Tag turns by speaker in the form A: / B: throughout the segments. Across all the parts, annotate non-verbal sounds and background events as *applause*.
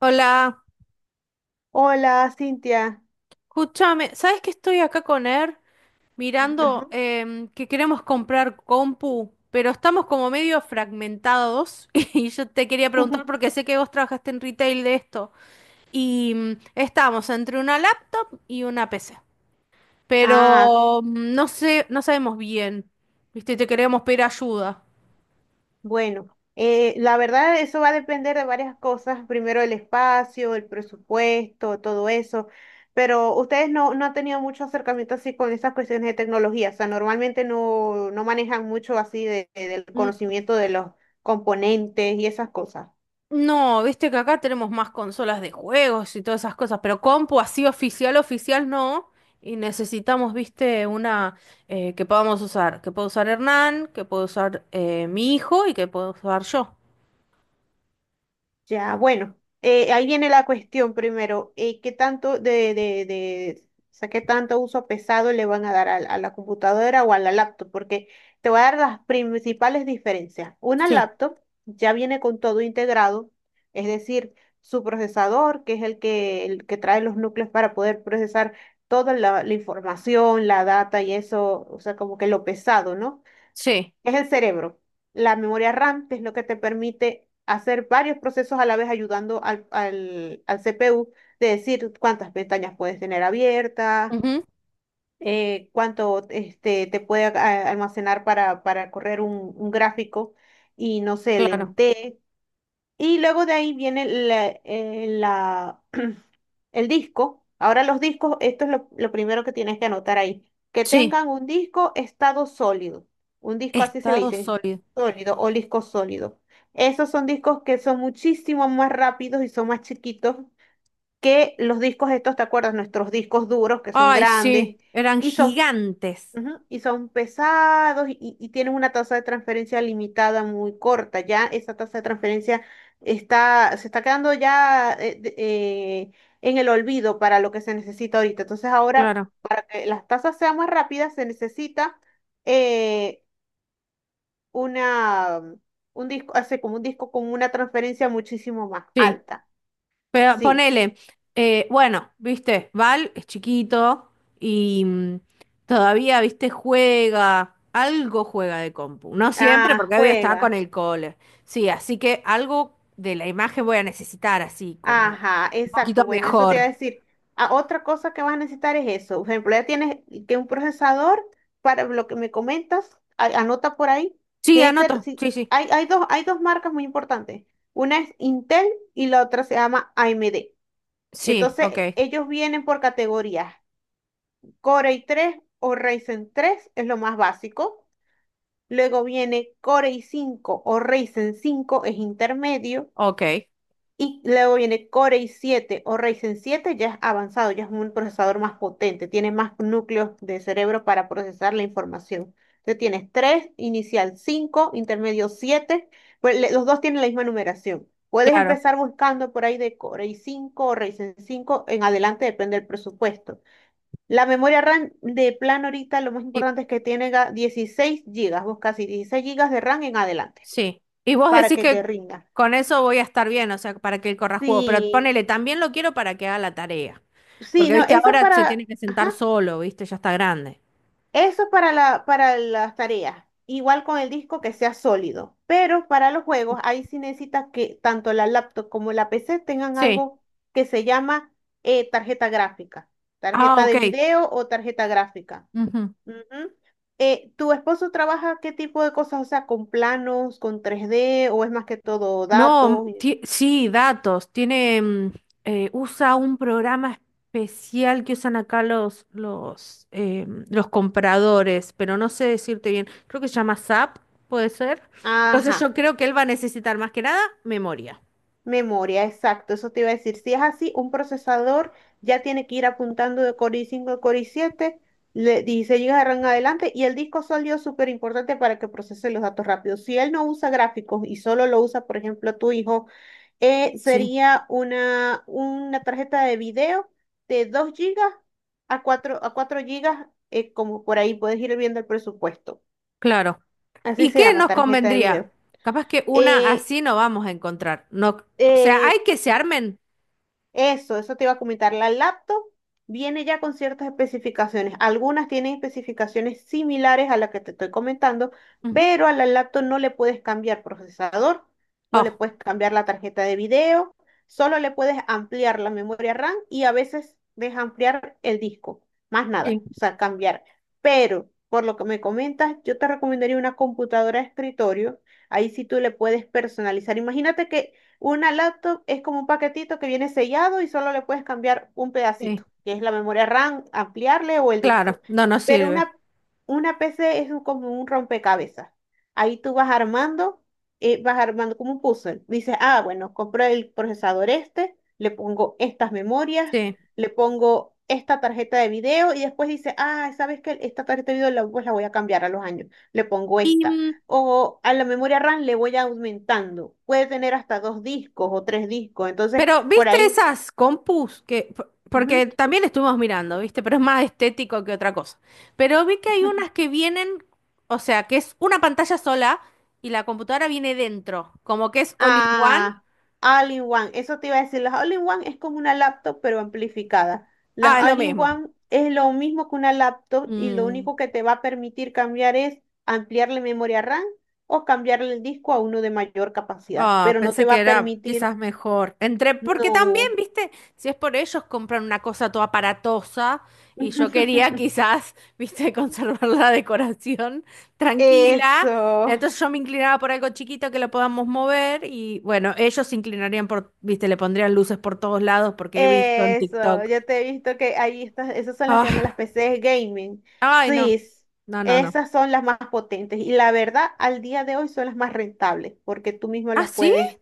A: Hola,
B: Hola, Cintia.
A: escúchame, ¿sabes que estoy acá con Er
B: Ajá.
A: mirando que queremos comprar compu, pero estamos como medio fragmentados *laughs* y yo te quería preguntar porque
B: *laughs*
A: sé que vos trabajaste en retail de esto y estamos entre una laptop y una PC,
B: Ah,
A: pero no sé, no sabemos bien, ¿viste? Y te queríamos pedir ayuda.
B: bueno, la verdad eso va a depender de varias cosas. Primero el espacio, el presupuesto, todo eso. Pero ustedes no han tenido mucho acercamiento así con esas cuestiones de tecnología. O sea, normalmente no manejan mucho así del
A: Mm.
B: conocimiento de los componentes y esas cosas.
A: No, viste que acá tenemos más consolas de juegos y todas esas cosas, pero compu así oficial, oficial no. Y necesitamos, viste, una que podamos usar. Que pueda usar Hernán, que pueda usar mi hijo y que pueda usar yo.
B: Ya, bueno, ahí viene la cuestión primero, ¿qué tanto o sea, qué tanto uso pesado le van a dar a la computadora o a la laptop? Porque te voy a dar las principales diferencias. Una
A: Sí,
B: laptop ya viene con todo integrado, es decir, su procesador, que es el que trae los núcleos para poder procesar toda la información, la data y eso, o sea, como que lo pesado, ¿no?
A: sí.
B: Es el cerebro. La memoria RAM, que es lo que te permite hacer varios procesos a la vez, ayudando al CPU de decir cuántas pestañas puedes tener abiertas,
A: Ujú,
B: cuánto este, te puede almacenar para correr un gráfico y no sé,
A: claro.
B: lentejas y luego de ahí viene la, *clears throat* el disco. Ahora los discos, esto es lo primero que tienes que anotar ahí. Que
A: Sí,
B: tengan un disco estado sólido. Un disco así se le
A: estado
B: dice,
A: sólido.
B: sólido o disco sólido. Esos son discos que son muchísimo más rápidos y son más chiquitos que los discos estos, ¿te acuerdas? Nuestros discos duros que son
A: Ay, sí,
B: grandes
A: eran
B: y son
A: gigantes.
B: Ujú. Y son pesados y, y tienen una tasa de transferencia limitada muy corta. Ya esa tasa de transferencia está, se está quedando ya en el olvido para lo que se necesita ahorita. Entonces ahora,
A: Claro.
B: para que las tasas sean más rápidas, se necesita eh, una, un disco, hace como un disco con una transferencia muchísimo más
A: Sí.
B: alta.
A: Pero
B: Sí.
A: ponele, bueno, viste, Val es chiquito y todavía, viste, juega, algo juega de compu. No siempre,
B: Ah,
A: porque obvio está con
B: juega.
A: el cole. Sí, así que algo de la imagen voy a necesitar, así como
B: Ajá,
A: un
B: exacto.
A: poquito
B: Bueno, eso te iba a
A: mejor.
B: decir. Ah, otra cosa que vas a necesitar es eso. Por ejemplo, ya tienes que un procesador para lo que me comentas, anota por ahí.
A: Sí,
B: Debe ser,
A: anoto,
B: sí,
A: sí, sí.
B: hay dos marcas muy importantes. Una es Intel y la otra se llama AMD.
A: Sí,
B: Entonces,
A: ok,
B: ellos vienen por categorías. Core i tres o Ryzen tres es lo más básico. Luego viene Core i cinco o Ryzen cinco es intermedio.
A: ok,
B: Y luego viene Core i7 o Ryzen 7, ya es avanzado, ya es un procesador más potente, tiene más núcleos de cerebro para procesar la información. Entonces tienes 3 inicial 5 intermedio 7 pues los dos tienen la misma numeración. Puedes
A: claro.
B: empezar buscando por ahí de Core i5 o Ryzen 5 en adelante, depende del presupuesto. La memoria RAM de plan ahorita lo más
A: Y
B: importante es que tiene 16 gigas, busca así 16 gigas de RAM en adelante
A: sí. Y vos
B: para
A: decís
B: que te
A: que
B: rinda.
A: con eso voy a estar bien, o sea, para que él corra juego. Pero
B: Sí,
A: ponele, también lo quiero para que haga la tarea.
B: sí,
A: Porque,
B: no,
A: viste,
B: eso es
A: ahora se tiene
B: para,
A: que
B: ajá,
A: sentar solo, viste, ya está grande.
B: eso es para para las tareas. Igual con el disco que sea sólido. Pero para los juegos, ahí sí necesitas que tanto la laptop como la PC tengan
A: Sí.
B: algo que se llama tarjeta gráfica,
A: Ah,
B: tarjeta
A: ok.
B: de video o tarjeta gráfica.
A: Ujú.
B: Ujú. ¿Tu esposo trabaja qué tipo de cosas? O sea, con planos, con tres d o es más que todo
A: No,
B: datos.
A: ti- sí, datos. Tiene, usa un programa especial que usan acá los los compradores, pero no sé decirte bien. Creo que se llama SAP, puede ser. Entonces
B: Ajá.
A: yo creo que él va a necesitar más que nada memoria.
B: Memoria, exacto, eso te iba a decir. Si es así, un procesador ya tiene que ir apuntando de Core i5 a Core i7, 16 GB de RAM en adelante, y el disco sólido es súper importante para que procese los datos rápidos. Si él no usa gráficos y solo lo usa, por ejemplo, tu hijo,
A: Sí.
B: una tarjeta de video de 2 gigas a 4 gigas, como por ahí puedes ir viendo el presupuesto.
A: Claro.
B: Así
A: ¿Y
B: se
A: qué
B: llama,
A: nos
B: tarjeta de
A: convendría?
B: video.
A: Capaz que una
B: Eh,
A: así no vamos a encontrar. No, o sea, hay
B: eh,
A: que se armen.
B: Eso, eso te iba a comentar. La laptop viene ya con ciertas especificaciones. Algunas tienen especificaciones similares a las que te estoy comentando,
A: Ujú.
B: pero a la laptop no le puedes cambiar procesador, no le
A: Oh,
B: puedes cambiar la tarjeta de video, solo le puedes ampliar la memoria RAM y a veces ampliar el disco, más
A: sí,
B: nada, o sea, cambiar. Pero por lo que me comentas, yo te recomendaría una computadora de escritorio. Ahí sí tú le puedes personalizar. Imagínate que una laptop es como un paquetito que viene sellado y solo le puedes cambiar un
A: sí.
B: pedacito, que es la memoria RAM, ampliarle o el disco.
A: Claro, no nos
B: Pero
A: sirve.
B: una PC es como un rompecabezas. Ahí tú vas armando como un puzzle. Dices, ah, bueno, compro el procesador este, le pongo estas memorias,
A: Sí.
B: le pongo esta tarjeta de video y después dices, ah, ¿sabes qué? Esta tarjeta de video la, pues la voy a cambiar a los años. Le pongo
A: Y,
B: esta o a la memoria RAM le voy aumentando. Puede tener hasta dos discos o tres discos. Entonces,
A: pero
B: por
A: ¿viste
B: ahí.
A: esas compus que, por- porque
B: Ujú.
A: también estuvimos mirando, ¿viste? Pero es más estético que otra cosa. Pero vi que hay unas
B: *laughs*
A: que vienen, o sea, que es una pantalla sola y la computadora viene dentro, como que es all in one.
B: Ah, All-in-One. Eso te iba a decir. Las All-in-One es como una laptop, pero amplificada. Las
A: Ah, es lo mismo.
B: All-in-One es lo mismo que una laptop y lo
A: Mm.
B: único que te va a permitir cambiar es ampliarle memoria RAM o cambiarle el disco a uno de mayor capacidad,
A: Ah,
B: pero no te
A: pensé
B: va
A: que
B: a
A: era
B: permitir,
A: quizás mejor. Entre, porque también,
B: no.
A: viste, si es por ellos compran una cosa toda aparatosa y yo quería
B: *laughs*
A: quizás, viste, *laughs* conservar la decoración tranquila.
B: Eso.
A: Entonces yo me inclinaba por algo chiquito que lo podamos mover y bueno, ellos se inclinarían por, viste, le pondrían luces por todos lados porque he visto en
B: Eso,
A: TikTok.
B: yo te he visto que ahí estás, esas son las que llaman
A: Ah,
B: las PCs gaming.
A: ay,
B: Sí,
A: no.
B: s-
A: No, no, no.
B: esas son las más potentes y la verdad, al día de hoy son las más rentables porque tú mismo
A: ¿Ah,
B: las
A: sí?
B: puedes.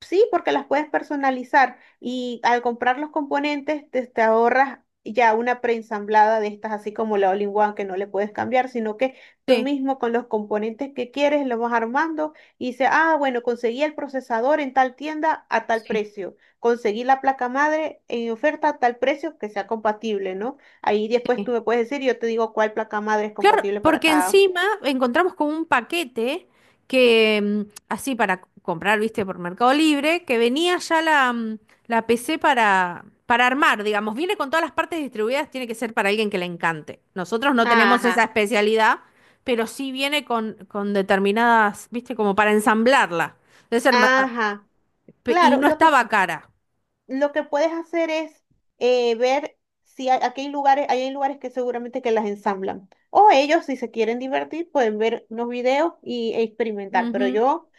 B: Sí, porque las puedes personalizar y al comprar los componentes te ahorras ya una preensamblada de estas, así como la All-in-One que no le puedes cambiar, sino que tú
A: Sí,
B: mismo con los componentes que quieres lo vas armando y dices, ah, bueno, conseguí el procesador en tal tienda a tal
A: sí,
B: precio, conseguí la placa madre en oferta a tal precio que sea compatible, ¿no? Ahí después
A: sí.
B: tú me puedes decir, yo te digo cuál placa madre es
A: Claro,
B: compatible para
A: porque
B: cada.
A: encima encontramos con un paquete que, así para c- comprar, viste, por Mercado Libre, que venía ya la la PC para armar, digamos, viene con todas las partes distribuidas, tiene que ser para alguien que le encante. Nosotros no tenemos esa
B: Ajá,
A: especialidad, pero sí viene con determinadas, viste, como para ensamblarla. Debe ser ma- ah,
B: ajá.
A: pe- y
B: Claro,
A: no estaba cara.
B: lo que puedes hacer es ver si hay, aquí hay lugares, ahí hay lugares que seguramente que las ensamblan. O ellos, si se quieren divertir, pueden ver unos videos y e experimentar. Pero
A: Ujú.
B: yo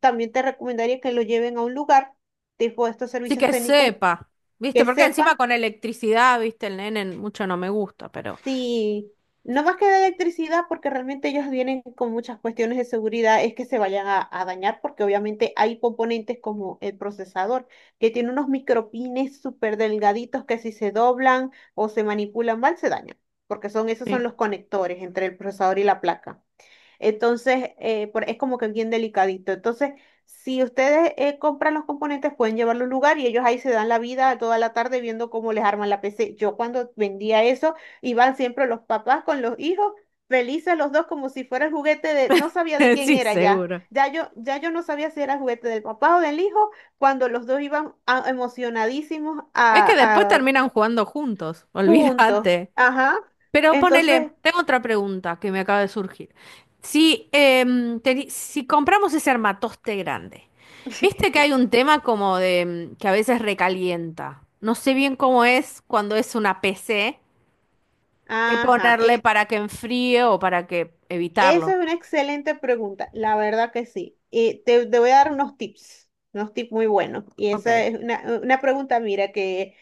B: también te recomendaría que lo lleven a un lugar tipo estos
A: Así
B: servicios
A: que
B: técnicos
A: sepa, viste,
B: que
A: porque encima
B: sepa.
A: con electricidad, viste, el nene mucho no me gusta, pero...
B: Sí, no más que de electricidad, porque realmente ellos vienen con muchas cuestiones de seguridad, es que se vayan a dañar, porque obviamente hay componentes como el procesador, que tiene unos micropines súper delgaditos que si se doblan o se manipulan mal, se dañan, porque son, esos son
A: Sí.
B: los conectores entre el procesador y la placa. Entonces, es como que bien delicadito. Entonces, si ustedes compran los componentes, pueden llevarlo a un lugar y ellos ahí se dan la vida toda la tarde viendo cómo les arman la PC. Yo cuando vendía eso, iban siempre los papás con los hijos, felices los dos como si fuera el juguete de, no sabía de
A: *laughs*
B: quién
A: Sí,
B: era ya.
A: seguro.
B: Ya yo no sabía si era el juguete del papá o del hijo, cuando los dos iban emocionadísimos
A: Es que después terminan jugando juntos, *laughs*
B: juntos.
A: olvídate.
B: Ajá.
A: Pero
B: Entonces,
A: ponele, tengo otra pregunta que me acaba de surgir. Si, teni- si compramos ese armatoste grande, viste que
B: *laughs*
A: hay un tema como de que a veces recalienta. No sé bien cómo es cuando es una PC, qué
B: ajá.
A: ponerle para que enfríe o para que
B: Esa
A: evitarlo.
B: es una excelente pregunta, la verdad que sí. Y te voy a dar unos tips muy buenos. Y esa
A: Ok.
B: es una pregunta, mira, que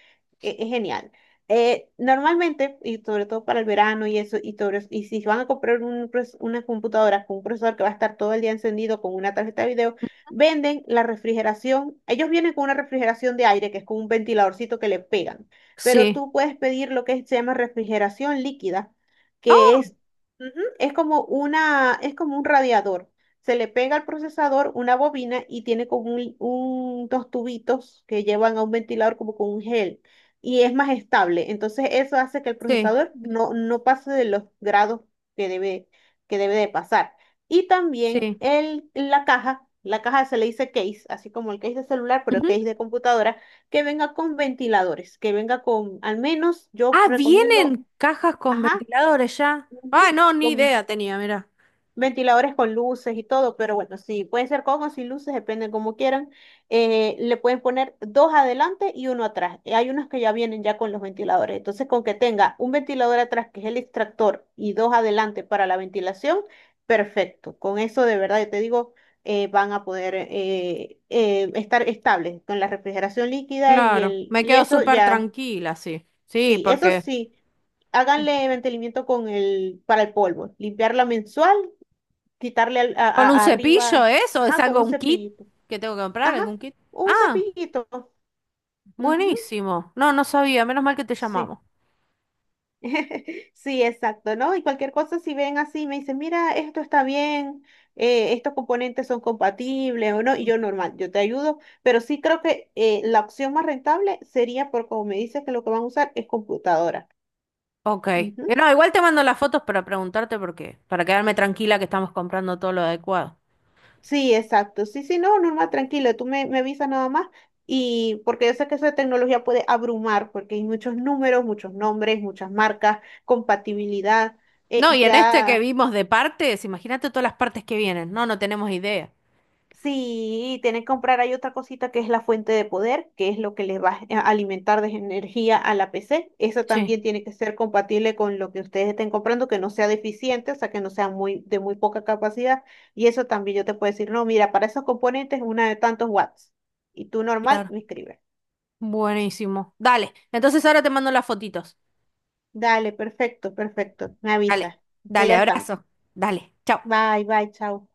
B: es genial. Normalmente, y sobre todo para el verano y eso, y todo eso, y si van a comprar una computadora con un procesador que va a estar todo el día encendido con una tarjeta de video, venden la refrigeración. Ellos vienen con una refrigeración de aire, que es con un ventiladorcito que le pegan. Pero
A: Sí.
B: tú puedes pedir lo que se llama refrigeración líquida que
A: Oh,
B: es Ujú. Es como una, es como un radiador. Se le pega al procesador una bobina y tiene como dos tubitos que llevan a un ventilador como con un gel y es más estable. Entonces eso hace que el
A: sí,
B: procesador no pase de los grados que debe, que debe de pasar. Y también
A: sí.
B: el, la caja se le dice case, así como el case de celular, pero el
A: Ujú.
B: case de computadora, que venga con ventiladores, que venga con, al menos yo
A: Ah,
B: recomiendo,
A: vienen cajas con
B: ajá,
A: ventiladores ya. Ah,
B: ujú,
A: no, ni
B: con
A: idea tenía, mira.
B: ventiladores con luces y todo, pero bueno, sí, pueden ser con o sin luces, depende como quieran. Le pueden poner dos adelante y uno atrás. Hay unos que ya vienen ya con los ventiladores. Entonces, con que tenga un ventilador atrás, que es el extractor, y dos adelante para la ventilación, perfecto. Con eso, de verdad, yo te digo, van a poder estar estables con la refrigeración líquida y
A: Claro,
B: el,
A: me
B: y
A: quedo
B: eso
A: súper
B: ya,
A: tranquila, sí. Sí,
B: sí, eso
A: porque
B: sí, háganle mantenimiento con el, para el polvo, limpiarla mensual, quitarle
A: con un cepillo
B: arriba,
A: eso, es
B: ajá, con
A: algo,
B: un
A: un kit
B: cepillito.
A: que tengo que comprar,
B: Ajá,
A: algún kit.
B: un
A: Ah,
B: cepillito. Ujú,
A: buenísimo. No, no sabía, menos mal que te
B: sí.
A: llamamos.
B: *laughs* Sí, exacto, ¿no? Y cualquier cosa, si ven así, me dicen, mira, esto está bien, estos componentes son compatibles o no, y yo normal, yo te ayudo, pero sí creo que la opción más rentable sería por como me dices que lo que van a usar es computadora.
A: Ok.
B: Ujú.
A: No, igual te mando las fotos para preguntarte por qué, para quedarme tranquila que estamos comprando todo lo adecuado.
B: Sí, exacto. Sí, sí, no, Norma, tranquila, me avisas nada más. Y porque yo sé que eso de tecnología puede abrumar porque hay muchos números, muchos nombres, muchas marcas, compatibilidad. eh,
A: No, y en este que
B: ya
A: vimos de partes, imagínate todas las partes que vienen. No, no tenemos idea.
B: Sí, tienen que comprar, hay otra cosita que es la fuente de poder, que es lo que les va a alimentar de energía a la PC. Esa
A: Sí.
B: también tiene que ser compatible con lo que ustedes estén comprando, que no sea deficiente, o sea, que no sea muy, de muy poca capacidad. Y eso también yo te puedo decir, no, mira, para esos componentes una de tantos watts. Y tú normal
A: Claro.
B: me escribes.
A: Buenísimo. Dale. Entonces ahora te mando las fotitos.
B: Dale, perfecto, perfecto. Me
A: Dale.
B: avisas. Estoy
A: Dale,
B: al tanto.
A: abrazo. Dale. Chao.
B: Bye, bye, chao.